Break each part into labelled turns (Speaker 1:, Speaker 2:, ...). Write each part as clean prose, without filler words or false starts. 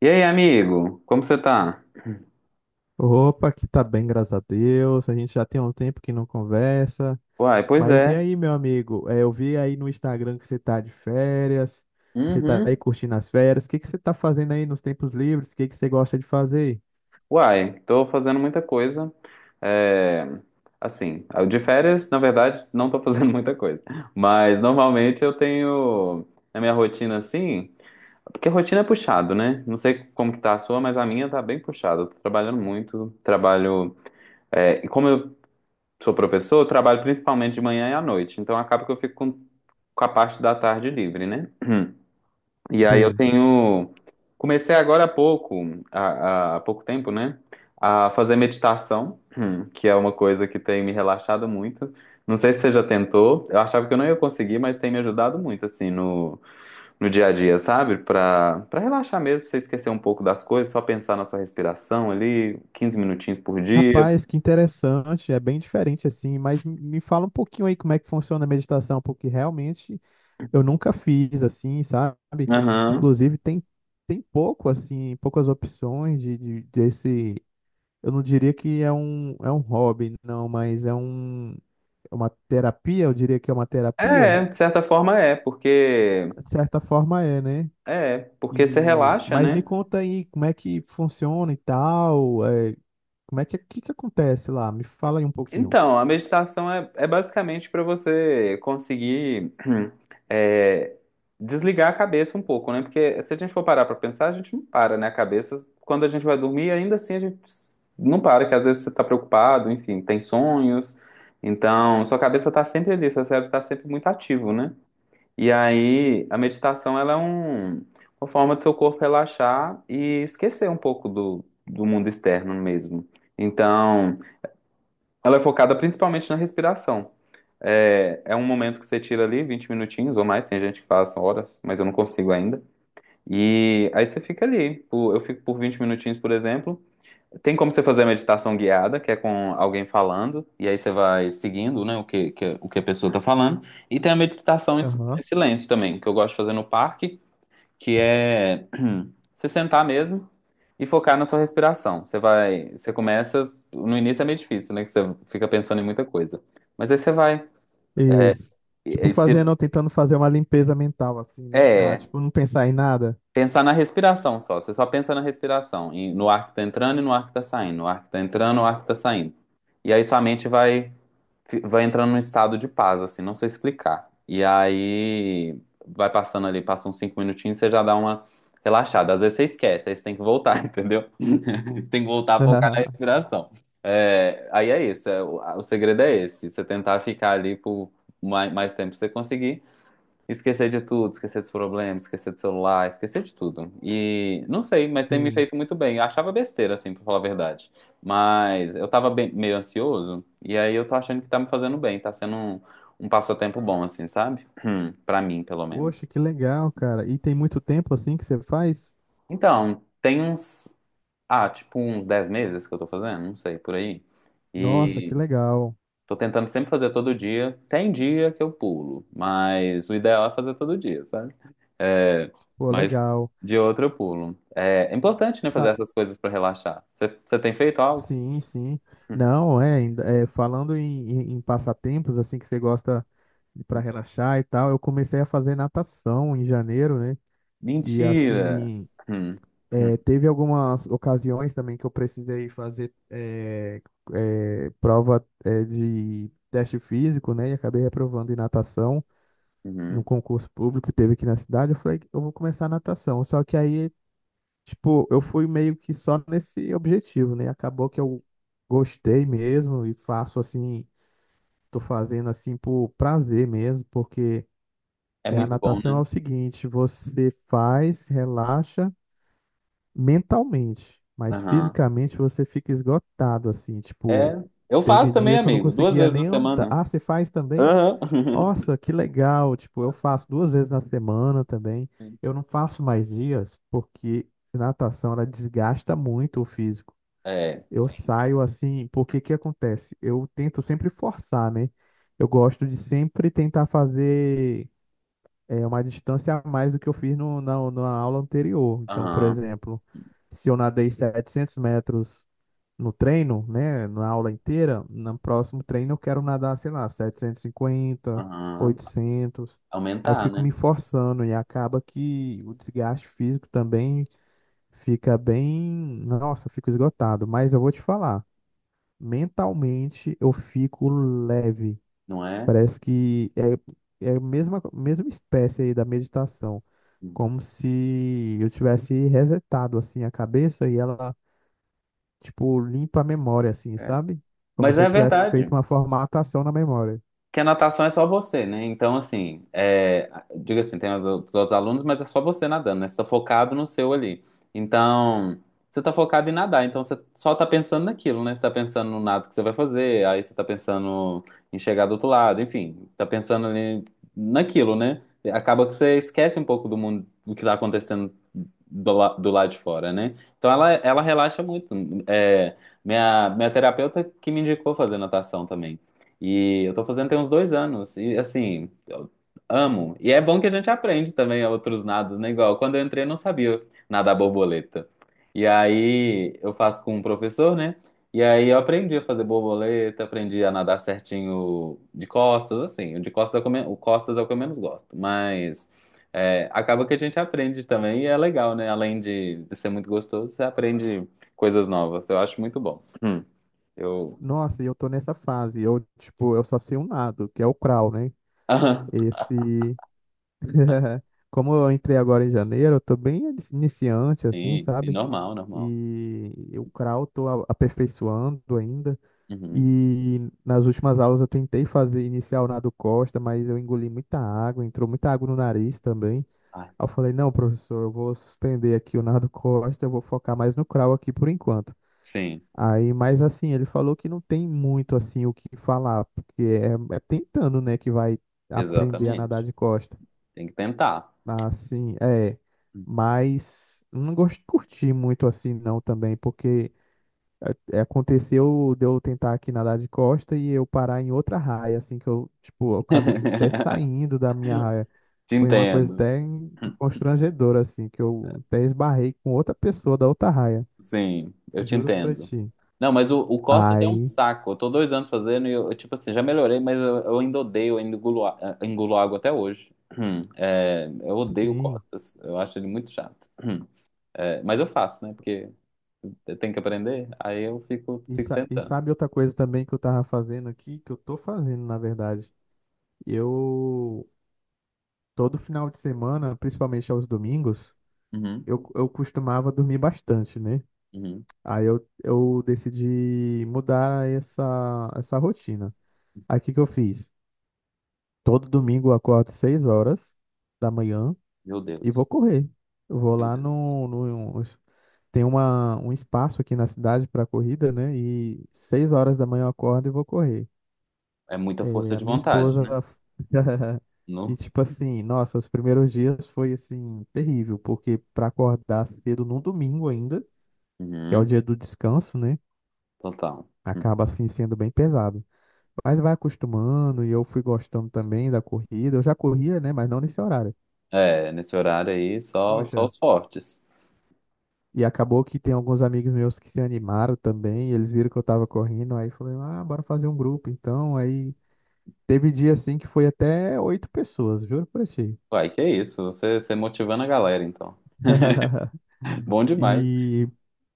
Speaker 1: E aí, amigo? Como você tá?
Speaker 2: Opa, que tá bem, graças a Deus. A gente já tem um tempo que não conversa.
Speaker 1: Uai, pois
Speaker 2: Mas e
Speaker 1: é.
Speaker 2: aí, meu amigo? Eu vi aí no Instagram que você tá de férias. Você tá aí
Speaker 1: Uhum.
Speaker 2: curtindo as férias. O que que você tá fazendo aí nos tempos livres? O que que você gosta de fazer?
Speaker 1: Uai, tô fazendo muita coisa. É, assim, de férias, na verdade, não tô fazendo muita coisa. Mas normalmente eu tenho na minha rotina assim, porque a rotina é puxado, né? Não sei como que tá a sua, mas a minha tá bem puxada. Eu tô trabalhando muito, trabalho. E como eu sou professor, eu trabalho principalmente de manhã e à noite. Então acaba que eu fico com a parte da tarde livre, né? E aí eu
Speaker 2: Sim.
Speaker 1: tenho. Comecei agora há pouco, há pouco tempo, né? A fazer meditação, que é uma coisa que tem me relaxado muito. Não sei se você já tentou. Eu achava que eu não ia conseguir, mas tem me ajudado muito, assim, no dia a dia, sabe? Pra relaxar mesmo, você esquecer um pouco das coisas, só pensar na sua respiração ali, 15 minutinhos por dia.
Speaker 2: Rapaz, que interessante. É bem diferente assim. Mas me fala um pouquinho aí como é que funciona a meditação, porque realmente eu nunca fiz assim, sabe?
Speaker 1: Aham.
Speaker 2: Inclusive tem pouco assim, poucas opções desse. Eu não diria que é um hobby, não, mas é uma terapia, eu diria que é uma terapia.
Speaker 1: É, de certa forma é, porque.
Speaker 2: De certa forma é, né?
Speaker 1: É, porque você
Speaker 2: E,
Speaker 1: relaxa,
Speaker 2: mas me
Speaker 1: né?
Speaker 2: conta aí como é que funciona e tal, como é que acontece lá? Me fala aí um pouquinho.
Speaker 1: Então, a meditação é basicamente para você conseguir é, desligar a cabeça um pouco, né? Porque se a gente for parar para pensar, a gente não para, né? A cabeça, quando a gente vai dormir, ainda assim a gente não para, que às vezes você está preocupado, enfim, tem sonhos. Então, sua cabeça está sempre ali, seu cérebro está sempre muito ativo, né? E aí, a meditação, ela é uma forma do seu corpo relaxar e esquecer um pouco do mundo externo mesmo. Então. Ela é focada principalmente na respiração. É um momento que você tira ali 20 minutinhos ou mais, tem gente que faz horas, mas eu não consigo ainda. E aí você fica ali. Eu fico por 20 minutinhos, por exemplo. Tem como você fazer a meditação guiada, que é com alguém falando, e aí você vai seguindo, né, o que a pessoa está falando. E tem a meditação em
Speaker 2: Aham.
Speaker 1: silêncio também, que eu gosto de fazer no parque, que é você sentar mesmo e focar na sua respiração. Você vai, você começa, no início é meio difícil, né, que você fica pensando em muita coisa. Mas aí você vai
Speaker 2: Isso.
Speaker 1: é,
Speaker 2: Tipo,
Speaker 1: expi-
Speaker 2: fazendo, tentando fazer uma limpeza mental, assim, né? Ah,
Speaker 1: é,
Speaker 2: tipo, não pensar em nada.
Speaker 1: pensar na respiração só. Você só pensa na respiração, no ar que tá entrando e no ar que tá saindo, no ar que tá entrando, no ar que tá saindo. E aí sua mente vai entrando num estado de paz, assim, não sei explicar. E aí vai passando ali, passa uns 5 minutinhos, você já dá uma relaxada. Às vezes você esquece, aí você tem que voltar, entendeu? Tem que voltar a focar na respiração. É, aí é isso, o segredo é esse, você tentar ficar ali por mais tempo que você conseguir. Esquecer de tudo, esquecer dos problemas, esquecer do celular, esquecer de tudo. E não sei, mas tem me
Speaker 2: Sim.
Speaker 1: feito muito bem. Eu achava besteira, assim, pra falar a verdade. Mas eu tava meio ansioso, e aí eu tô achando que tá me fazendo bem, tá sendo um passatempo bom, assim, sabe? Pra mim, pelo menos.
Speaker 2: Poxa, que legal, cara. E tem muito tempo assim que você faz?
Speaker 1: Então, tem ah, tipo uns 10 meses que eu tô fazendo, não sei, por aí.
Speaker 2: Nossa, que legal.
Speaker 1: Tô tentando sempre fazer todo dia. Tem dia que eu pulo, mas o ideal é fazer todo dia, sabe? É,
Speaker 2: Pô,
Speaker 1: mas
Speaker 2: legal.
Speaker 1: de outro eu pulo. É, é importante, né, fazer
Speaker 2: Sa-
Speaker 1: essas coisas pra relaxar. Você tem feito algo?
Speaker 2: Sim, sim. Não, ainda- é falando em passatempos, assim, que você gosta para relaxar e tal, eu comecei a fazer natação em janeiro, né? E
Speaker 1: Mentira!
Speaker 2: assim,
Speaker 1: Hum, hum,
Speaker 2: é, teve algumas ocasiões também que eu precisei fazer prova de teste físico, né? E acabei reprovando em natação no
Speaker 1: uhum.
Speaker 2: concurso público que teve aqui na cidade. Eu falei, eu vou começar a natação. Só que aí, tipo, eu fui meio que só nesse objetivo, né? Acabou que eu gostei mesmo e faço assim, tô fazendo assim por prazer mesmo, porque
Speaker 1: É
Speaker 2: a
Speaker 1: muito bom,
Speaker 2: natação é
Speaker 1: né?
Speaker 2: o seguinte, você faz, relaxa mentalmente, mas
Speaker 1: Aham.
Speaker 2: fisicamente você fica esgotado assim,
Speaker 1: É,
Speaker 2: tipo,
Speaker 1: eu
Speaker 2: teve
Speaker 1: faço também,
Speaker 2: dia que eu não
Speaker 1: amigo, duas
Speaker 2: conseguia
Speaker 1: vezes na
Speaker 2: nem andar.
Speaker 1: semana.
Speaker 2: Ah, você faz também?
Speaker 1: Aham.
Speaker 2: Nossa, que legal! Tipo, eu faço duas vezes na semana também. Eu não faço mais dias porque natação ela desgasta muito o físico.
Speaker 1: É,
Speaker 2: Eu
Speaker 1: sim.
Speaker 2: saio assim, porque que acontece? Eu tento sempre forçar, né? Eu gosto de sempre tentar fazer uma distância a mais do que eu fiz no, na, na aula anterior. Então, por
Speaker 1: Aham,
Speaker 2: exemplo, se eu nadei 700 metros no treino, né, na aula inteira, no próximo treino eu quero nadar, sei lá, 750,
Speaker 1: aham.
Speaker 2: 800. Aí eu
Speaker 1: Aumentar,
Speaker 2: fico
Speaker 1: né?
Speaker 2: me forçando e acaba que o desgaste físico também fica bem, nossa, eu fico esgotado, mas eu vou te falar, mentalmente eu fico leve.
Speaker 1: Não é?
Speaker 2: Parece que é a mesma espécie aí da meditação,
Speaker 1: Hum,
Speaker 2: como se eu tivesse resetado assim a cabeça e ela, tipo, limpa a memória, assim,
Speaker 1: é.
Speaker 2: sabe? Como
Speaker 1: Mas
Speaker 2: se eu
Speaker 1: é
Speaker 2: tivesse feito
Speaker 1: verdade
Speaker 2: uma formatação na memória.
Speaker 1: que a natação é só você, né? Então, assim, diga assim, tem os outros alunos, mas é só você nadando, né? Você tá focado no seu ali. Então, você tá focado em nadar, então você só tá pensando naquilo, né? Você tá pensando no nado que você vai fazer, aí você tá pensando em chegar do outro lado, enfim, tá pensando ali naquilo, né? Acaba que você esquece um pouco do mundo, do que tá acontecendo do lado de fora, né? Então ela relaxa muito. É, minha terapeuta que me indicou fazer natação também. E eu tô fazendo tem uns 2 anos. E assim, eu amo. E é bom que a gente aprende também outros nados, né? Igual quando eu entrei, eu não sabia nadar borboleta. E aí eu faço com um professor, né? E aí eu aprendi a fazer borboleta, aprendi a nadar certinho de costas, assim. O de costas é o que eu menos gosto. Mas acaba que a gente aprende também e é legal, né? Além de ser muito gostoso, você aprende coisas novas. Eu acho muito bom. Eu.
Speaker 2: Nossa, e eu tô nessa fase. Eu, tipo, eu só sei um lado, que é o crawl, né? Esse. Como eu entrei agora em janeiro, eu tô bem iniciante, assim,
Speaker 1: Sim, sim,
Speaker 2: sabe?
Speaker 1: normal, normal.
Speaker 2: E o crawl tô aperfeiçoando ainda.
Speaker 1: Uhum.
Speaker 2: E nas últimas aulas eu tentei fazer inicial nado Costa, mas eu engoli muita água, entrou muita água no nariz também.
Speaker 1: Ah,
Speaker 2: Aí eu falei, não, professor, eu vou suspender aqui o Nardo Costa, eu vou focar mais no crawl aqui por enquanto.
Speaker 1: sim,
Speaker 2: Aí, mas assim, ele falou que não tem muito assim o que falar, porque é tentando, né, que vai aprender a nadar
Speaker 1: exatamente.
Speaker 2: de costa.
Speaker 1: Tem que tentar.
Speaker 2: Assim, é, mas não gosto curti muito assim não também, porque aconteceu de eu tentar aqui nadar de costa e eu parar em outra raia, assim, que eu, tipo, eu acabei até saindo da minha raia.
Speaker 1: Te
Speaker 2: Foi uma coisa
Speaker 1: entendo.
Speaker 2: até constrangedora, assim, que eu até esbarrei com outra pessoa da outra raia.
Speaker 1: Sim, eu te
Speaker 2: Juro pra
Speaker 1: entendo.
Speaker 2: ti.
Speaker 1: Não, mas o Costas é um
Speaker 2: Aí,
Speaker 1: saco. Eu tô 2 anos fazendo e eu, tipo assim, já melhorei, mas eu ainda odeio, eu ainda engulo água até hoje. É, eu odeio o
Speaker 2: sim.
Speaker 1: Costas. Eu acho ele muito chato. Hum, É, mas eu faço, né? Porque eu tenho que aprender, aí eu fico,
Speaker 2: E,
Speaker 1: fico
Speaker 2: e
Speaker 1: tentando.
Speaker 2: sabe outra coisa também que eu tava fazendo aqui, que eu tô fazendo, na verdade. Eu, todo final de semana, principalmente aos domingos,
Speaker 1: Uhum,
Speaker 2: eu costumava dormir bastante, né?
Speaker 1: uhum.
Speaker 2: Aí eu decidi mudar essa rotina. Aí o que que eu fiz? Todo domingo eu acordo 6 horas da manhã
Speaker 1: Meu
Speaker 2: e vou
Speaker 1: Deus,
Speaker 2: correr. Eu vou
Speaker 1: meu
Speaker 2: lá
Speaker 1: Deus.
Speaker 2: tem um espaço aqui na cidade para corrida, né? E 6 horas da manhã eu acordo e vou correr.
Speaker 1: É muita força
Speaker 2: É, a
Speaker 1: de
Speaker 2: minha
Speaker 1: vontade,
Speaker 2: esposa
Speaker 1: né?
Speaker 2: e
Speaker 1: No?
Speaker 2: tipo assim, nossa, os primeiros dias foi assim terrível, porque para acordar cedo num domingo ainda, que é o
Speaker 1: Uhum,
Speaker 2: dia do descanso, né?
Speaker 1: total.
Speaker 2: Acaba assim sendo bem pesado. Mas vai acostumando e eu fui gostando também da corrida. Eu já corria, né? Mas não nesse horário.
Speaker 1: É, nesse horário aí, só
Speaker 2: Poxa,
Speaker 1: os fortes.
Speaker 2: e acabou que tem alguns amigos meus que se animaram também, eles viram que eu tava correndo, aí falei, ah, bora fazer um grupo. Então, aí teve dia assim que foi até 8 pessoas, juro pra ti.
Speaker 1: Uai, que isso, você motivando a galera, então. Bom demais.
Speaker 2: E,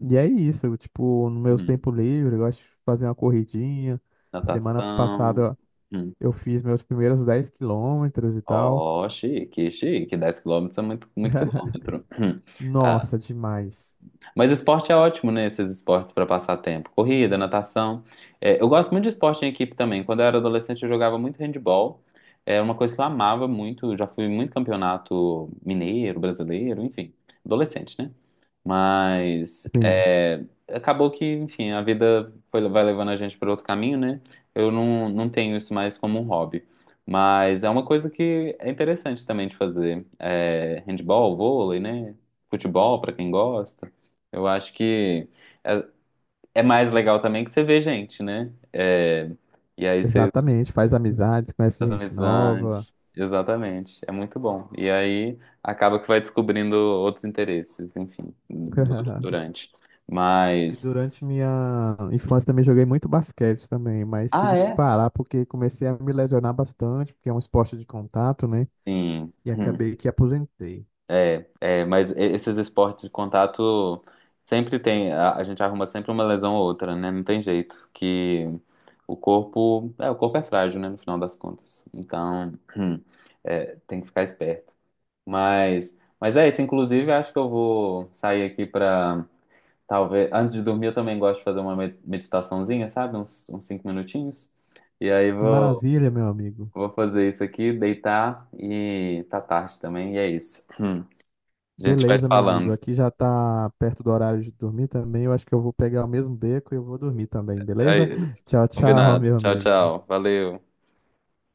Speaker 2: e é isso, tipo, no meus
Speaker 1: Uhum.
Speaker 2: tempo livre, eu gosto de fazer uma corridinha. Semana
Speaker 1: Natação.
Speaker 2: passada
Speaker 1: Uhum.
Speaker 2: eu fiz meus primeiros 10 quilômetros e tal.
Speaker 1: Ó, chique, chique. 10 quilômetros é muito, muito quilômetro.
Speaker 2: Nossa, demais.
Speaker 1: Mas esporte é ótimo, né? Esses esportes para passar tempo. Corrida, natação. É, eu gosto muito de esporte em equipe também. Quando eu era adolescente, eu jogava muito handball. É uma coisa que eu amava muito. Já fui muito campeonato mineiro, brasileiro, enfim. Adolescente, né? Mas
Speaker 2: Sim,
Speaker 1: é, acabou que, enfim, a vida vai levando a gente para outro caminho, né? Eu não tenho isso mais como um hobby. Mas é uma coisa que é interessante também de fazer. É, handball, vôlei, né? Futebol, para quem gosta. Eu acho que é, é mais legal também que você vê gente, né? É, e aí você
Speaker 2: exatamente, faz amizades, conhece
Speaker 1: faz
Speaker 2: gente nova.
Speaker 1: amizade. Exatamente. É muito bom. E aí acaba que vai descobrindo outros interesses, enfim, durante.
Speaker 2: E
Speaker 1: Mas.
Speaker 2: durante minha infância também joguei muito basquete também, mas
Speaker 1: Ah,
Speaker 2: tive que
Speaker 1: é?
Speaker 2: parar porque comecei a me lesionar bastante, porque é um esporte de contato, né?
Speaker 1: Sim.
Speaker 2: E
Speaker 1: Hum.
Speaker 2: acabei que aposentei.
Speaker 1: É, mas esses esportes de contato sempre tem, a gente arruma sempre uma lesão ou outra, né? Não tem jeito, que o corpo é frágil, né, no final das contas. Então, tem que ficar esperto. Mas é isso, inclusive, acho que eu vou sair aqui pra, talvez, antes de dormir eu também gosto de fazer uma meditaçãozinha, sabe? Uns 5 minutinhos. E aí
Speaker 2: Que
Speaker 1: vou,
Speaker 2: maravilha, meu amigo.
Speaker 1: vou fazer isso aqui, deitar e tá tarde também, e é isso. A gente vai se
Speaker 2: Beleza, meu amigo.
Speaker 1: falando.
Speaker 2: Aqui já tá perto do horário de dormir também. Eu acho que eu vou pegar o mesmo beco e eu vou dormir também,
Speaker 1: É
Speaker 2: beleza?
Speaker 1: isso.
Speaker 2: Tchau, tchau,
Speaker 1: Combinado.
Speaker 2: meu
Speaker 1: Tchau,
Speaker 2: amigo.
Speaker 1: tchau. Valeu.